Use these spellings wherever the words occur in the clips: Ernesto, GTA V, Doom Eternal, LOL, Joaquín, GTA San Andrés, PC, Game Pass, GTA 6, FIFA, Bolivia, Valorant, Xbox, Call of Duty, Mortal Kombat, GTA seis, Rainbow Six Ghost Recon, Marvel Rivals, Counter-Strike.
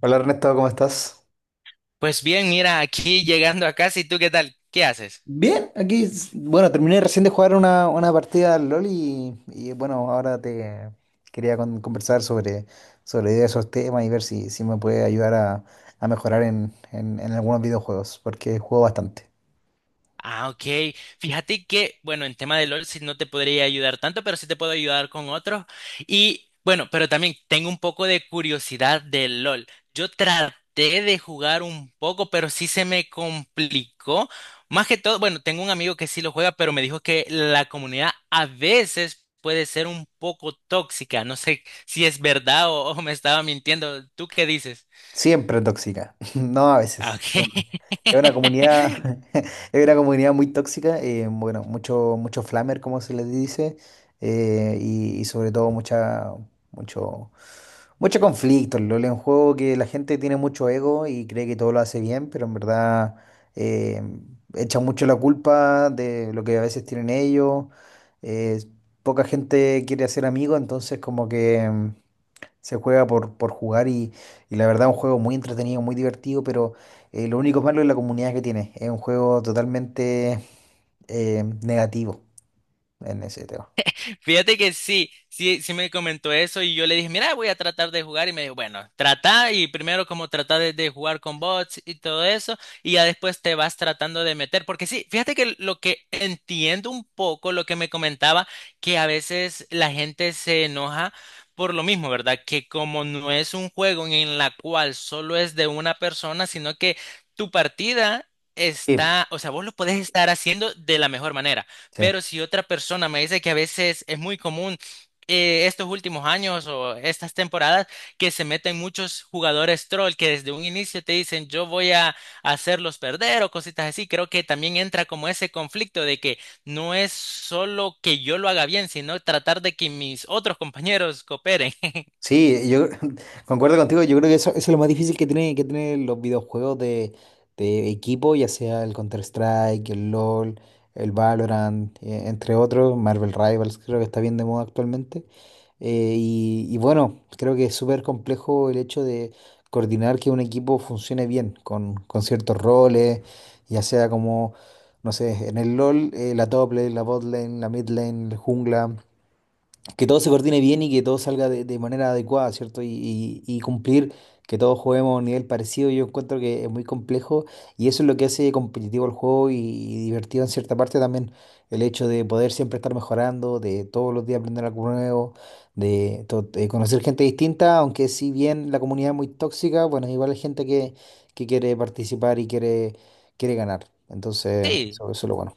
Hola Ernesto, ¿cómo estás? Pues bien, mira, aquí llegando a casa, ¿y tú qué tal? ¿Qué haces? Bien, aquí, bueno, terminé recién de jugar una partida al LOL bueno, ahora te quería conversar sobre esos temas y ver si me puede ayudar a mejorar en algunos videojuegos, porque juego bastante. Ah, ok. Fíjate que, bueno, en tema de LOL sí no te podría ayudar tanto, pero sí te puedo ayudar con otros. Y bueno, pero también tengo un poco de curiosidad de LOL. Yo traté de jugar un poco, pero sí se me complicó. Más que todo, bueno, tengo un amigo que sí lo juega, pero me dijo que la comunidad a veces puede ser un poco tóxica. No sé si es verdad o me estaba mintiendo. ¿Tú qué dices? Siempre tóxica, no a Ah, veces, ok. siempre. Es una comunidad, es una comunidad muy tóxica, bueno, mucho flamer, como se les dice, y sobre todo mucho Mucho conflicto. El LoL es un juego que la gente tiene mucho ego y cree que todo lo hace bien, pero en verdad eh, echa mucho la culpa de lo que a veces tienen ellos. eh, Poca gente quiere hacer amigos, entonces como que se juega por jugar y la verdad es un juego muy entretenido, muy divertido, pero lo único malo es la comunidad que tiene. Es un juego totalmente negativo en ese tema. Fíjate que sí, me comentó eso y yo le dije, mira, voy a tratar de jugar y me dijo, bueno, trata y primero como trata de jugar con bots y todo eso y ya después te vas tratando de meter, porque sí, fíjate que lo que entiendo un poco lo que me comentaba, que a veces la gente se enoja por lo mismo, ¿verdad? Que como no es un juego en la cual solo es de una persona, sino que tu partida Sí. está, o sea, vos lo podés estar haciendo de la mejor manera. Sí. Pero si otra persona me dice que a veces es muy común estos últimos años o estas temporadas que se meten muchos jugadores troll que desde un inicio te dicen yo voy a hacerlos perder o cositas así, creo que también entra como ese conflicto de que no es solo que yo lo haga bien, sino tratar de que mis otros compañeros cooperen. Sí, yo concuerdo contigo. Yo creo que eso es lo más difícil que que tienen los videojuegos de equipo, ya sea el Counter-Strike, el LoL, el Valorant, entre otros. Marvel Rivals creo que está bien de moda actualmente. Y bueno, creo que es súper complejo el hecho de coordinar que un equipo funcione bien con ciertos roles, ya sea como, no sé, en el LoL, la top lane, la bot lane, la mid lane, el jungla, que todo se coordine bien y que todo salga de manera adecuada, ¿cierto? Y cumplir que todos juguemos a un nivel parecido. Yo encuentro que es muy complejo y eso es lo que hace competitivo el juego y divertido en cierta parte también, el hecho de poder siempre estar mejorando, de todos los días aprender algo nuevo, de conocer gente distinta. Aunque si bien la comunidad es muy tóxica, bueno, igual hay gente que quiere participar y quiere ganar. Entonces, Sí. eso es lo bueno.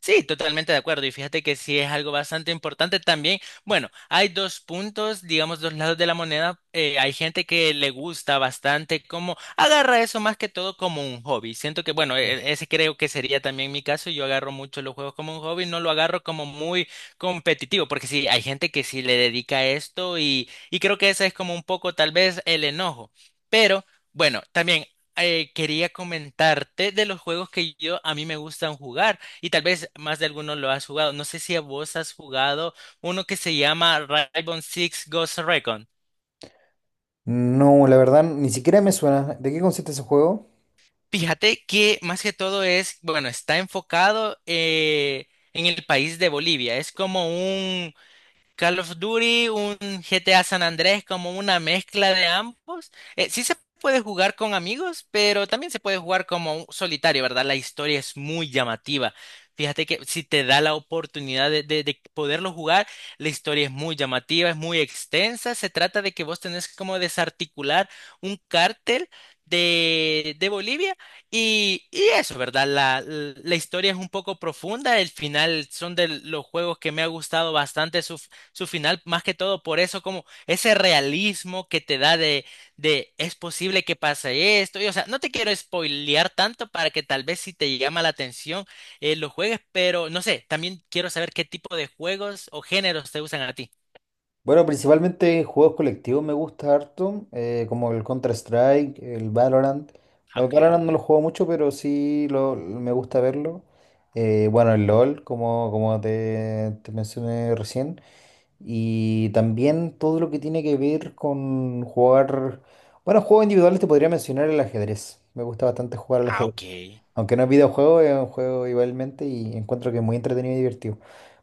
Sí, totalmente de acuerdo. Y fíjate que sí es algo bastante importante también. Bueno, hay dos puntos, digamos, dos lados de la moneda. Hay gente que le gusta bastante, como agarra eso más que todo como un hobby. Siento que, bueno, Sí. Ese creo que sería también mi caso. Yo agarro mucho los juegos como un hobby, no lo agarro como muy competitivo, porque sí, hay gente que sí le dedica a esto y creo que ese es como un poco tal vez el enojo. Pero, bueno, también quería comentarte de los juegos que yo a mí me gustan jugar. Y tal vez más de alguno lo has jugado. No sé si a vos has jugado uno que se llama Rainbow Six Ghost Recon. No, la verdad, ni siquiera me suena. ¿De qué consiste ese juego? Fíjate que más que todo es, bueno, está enfocado en el país de Bolivia. Es como un Call of Duty, un GTA San Andrés, como una mezcla de ambos. Sí se puede jugar con amigos, pero también se puede jugar como un solitario, ¿verdad? La historia es muy llamativa. Fíjate que si te da la oportunidad de, de poderlo jugar, la historia es muy llamativa, es muy extensa. Se trata de que vos tenés como desarticular un cártel de Bolivia y eso, ¿verdad? La historia es un poco profunda. El final son de los juegos que me ha gustado bastante su final, más que todo por eso, como ese realismo que te da de es posible que pase esto. Y, o sea, no te quiero spoilear tanto para que tal vez si te llama la atención lo juegues, pero no sé, también quiero saber qué tipo de juegos o géneros te gustan a ti. Bueno, principalmente juegos colectivos me gusta harto, como el Counter-Strike, el Valorant. Ah, Bueno, ok. Valorant no lo juego mucho, pero sí me gusta verlo. Bueno, el LOL, como te mencioné recién. Y también todo lo que tiene que ver con jugar. Bueno, juegos individuales te podría mencionar el ajedrez. Me gusta bastante jugar al Ah, ok. ajedrez. Aunque no es videojuego, es un juego igualmente y encuentro que es muy entretenido y divertido.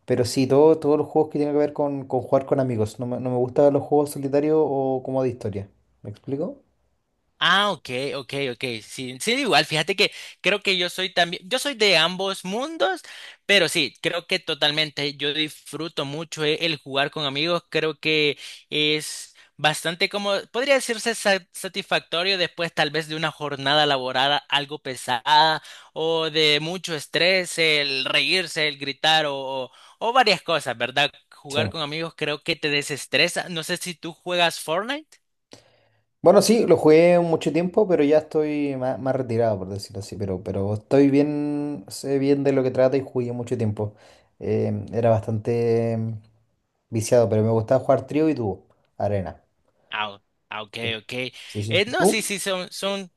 Pero sí, todos los juegos que tienen que ver con jugar con amigos. No me gustan los juegos solitarios o como de historia. ¿Me explico? Ah, ok, ok, ok. Sí, sí, igual, fíjate que creo que yo soy también, yo soy de ambos mundos, pero sí, creo que totalmente yo disfruto mucho el jugar con amigos, creo que es bastante como, podría decirse satisfactorio después tal vez de una jornada laboral algo pesada o de mucho estrés, el reírse, el gritar o, o o varias cosas, ¿verdad? Sí. Jugar con amigos creo que te desestresa. No sé si tú juegas Fortnite. Bueno, sí, lo jugué mucho tiempo, pero ya estoy más retirado, por decirlo así. Pero estoy bien, sé bien de lo que trata y jugué mucho tiempo. Era bastante viciado, pero me gustaba jugar trío y dúo, arena. Ah, ah, ok, Sí, ok. sí, sí. No, sí, ¿Tú? sí, son.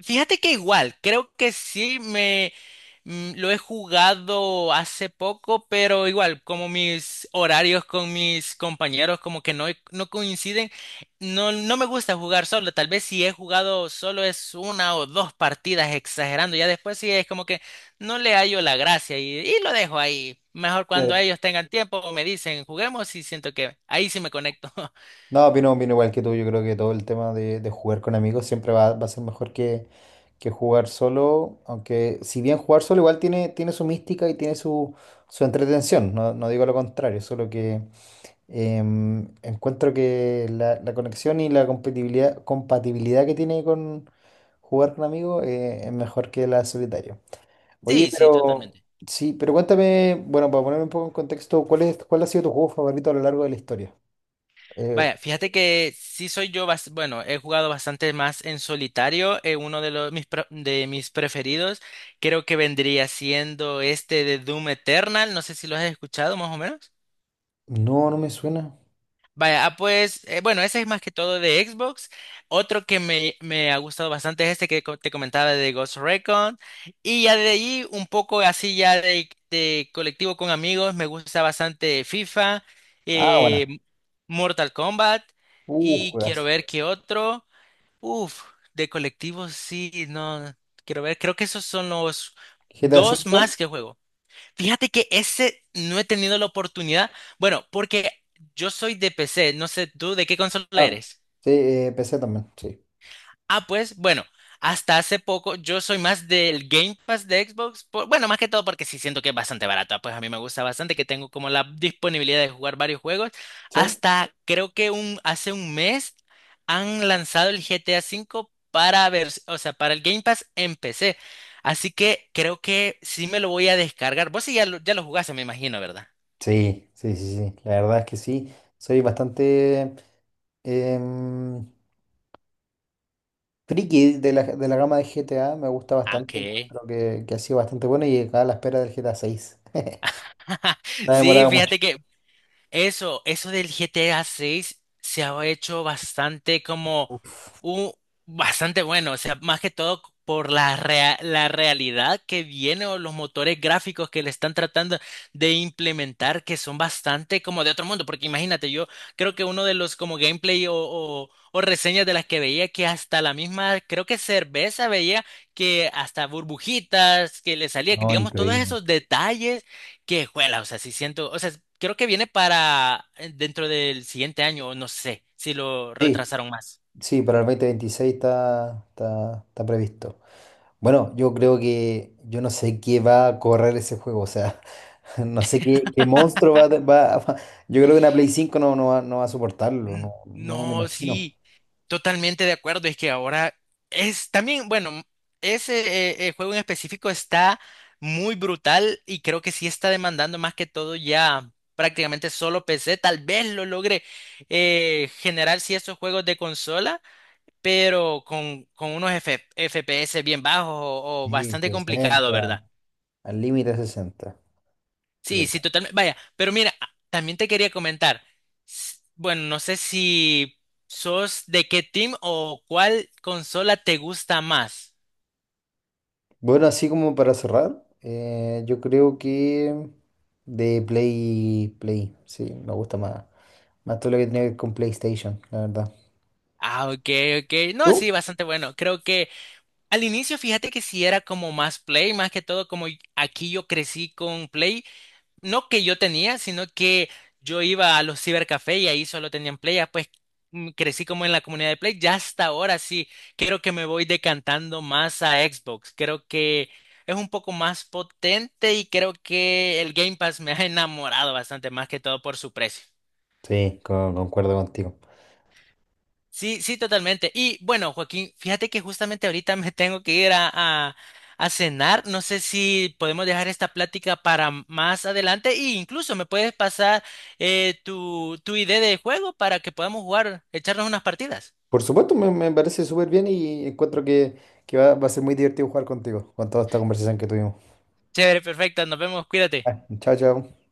Fíjate que igual, creo que sí me lo he jugado hace poco, pero igual, como mis horarios con mis compañeros como que no, no coinciden, no, no me gusta jugar solo. Tal vez si he jugado solo es una o dos partidas exagerando. Ya después sí es como que no le hallo la gracia y lo dejo ahí. Mejor Sí. cuando ellos tengan tiempo me dicen, juguemos y siento que ahí sí me conecto. No, opino igual que tú. Yo creo que todo el tema de jugar con amigos siempre va a ser mejor que jugar solo. Aunque, si bien jugar solo igual tiene su mística y tiene su entretención. No, no digo lo contrario, solo que encuentro que la conexión y la compatibilidad que tiene con jugar con amigos es mejor que la solitario. Oye, Sí, sí, pero totalmente. sí, pero cuéntame, bueno, para ponerme un poco en contexto, ¿cuál ha sido tu juego favorito a lo largo de la historia? Eh, Vaya, fíjate que sí soy yo, bueno, he jugado bastante más en solitario. Uno de los de mis preferidos, creo que vendría siendo este de Doom Eternal. No sé si lo has escuchado, más o menos. no, no me suena. Vaya, ah, pues, bueno, ese es más que todo de Xbox. Otro que me ha gustado bastante es este que te comentaba de Ghost Recon. Y ya de ahí, un poco así ya de colectivo con amigos, me gusta bastante FIFA, Ah, eh, bueno. Mortal Kombat. Y quiero Juegazo. ver qué otro. Uf, de colectivo sí, no. Quiero ver, creo que esos son los GTA dos V. más que juego. Fíjate que ese no he tenido la oportunidad. Bueno, porque yo soy de PC, no sé tú de qué consola Ah, eres. sí, PC también, sí. Ah, pues bueno, hasta hace poco yo soy más del Game Pass de Xbox. Bueno, más que todo porque sí siento que es bastante barato. Pues a mí me gusta bastante que tengo como la disponibilidad de jugar varios juegos. ¿Sí? Hasta creo que hace un mes han lanzado el GTA V para ver, o sea, para el Game Pass en PC. Así que creo que sí me lo voy a descargar. Vos sí ya lo jugaste, me imagino, ¿verdad? Sí, sí, sí, sí. La verdad es que sí. Soy bastante em, friki de la gama de GTA. Me gusta Ah, bastante. Okay. Encuentro que ha sido bastante bueno, y acá a la espera del GTA 6. Se ha Sí, demorado mucho. fíjate que eso del GTA 6 se ha hecho bastante como Uf, un bastante bueno, o sea, más que todo por la la realidad que viene o los motores gráficos que le están tratando de implementar que son bastante como de otro mundo, porque imagínate, yo creo que uno de los como gameplay o reseñas de las que veía que hasta la misma, creo que cerveza veía que hasta burbujitas que le salía, no, digamos, todos increíble. esos detalles. Qué juela, o sea, sí siento, o sea, creo que viene para dentro del siguiente año, o no sé, si lo Sí, retrasaron más. sí, para el 2026 está, está previsto. Bueno, yo creo que yo no sé qué va a correr ese juego, o sea, no sé qué monstruo Yo creo que una Play 5 no, no va a soportarlo. Mm, No, no me lo no, imagino. sí, totalmente de acuerdo, es que ahora es también, bueno, ese juego en específico está muy brutal y creo que sí está demandando más que todo ya prácticamente solo PC, tal vez lo logre generar si esos juegos de consola, pero con unos FPS bien bajos o Sí, bastante complicado, 60, ¿verdad? al límite 60, yo Sí, creo. sí, totalmente. Vaya, pero mira, también te quería comentar. Bueno, no sé si sos de qué team o cuál consola te gusta más. Bueno, así como para cerrar, yo creo que de Play, sí, me gusta más todo lo que tiene que ver con PlayStation, la verdad. Ah, ok, ok. No, ¿Tú? sí, bastante bueno. Creo que al inicio, fíjate que sí era como más Play, más que todo, como aquí yo crecí con Play. No que yo tenía, sino que yo iba a los cibercafés y ahí solo tenían Play, ya pues crecí como en la comunidad de Play, ya hasta ahora sí, creo que me voy decantando más a Xbox, creo que es un poco más potente y creo que el Game Pass me ha enamorado bastante más que todo por su precio. Sí, concuerdo contigo. Sí, sí, totalmente. Y bueno, Joaquín, fíjate que justamente ahorita me tengo que ir a cenar. No sé si podemos dejar esta plática para más adelante e incluso me puedes pasar tu, tu idea de juego para que podamos jugar, echarnos unas partidas. Por supuesto, me parece súper bien y encuentro que va a ser muy divertido jugar contigo, con toda esta conversación que tuvimos. Chévere, perfecto. Nos vemos, cuídate. Ah, chao, chao.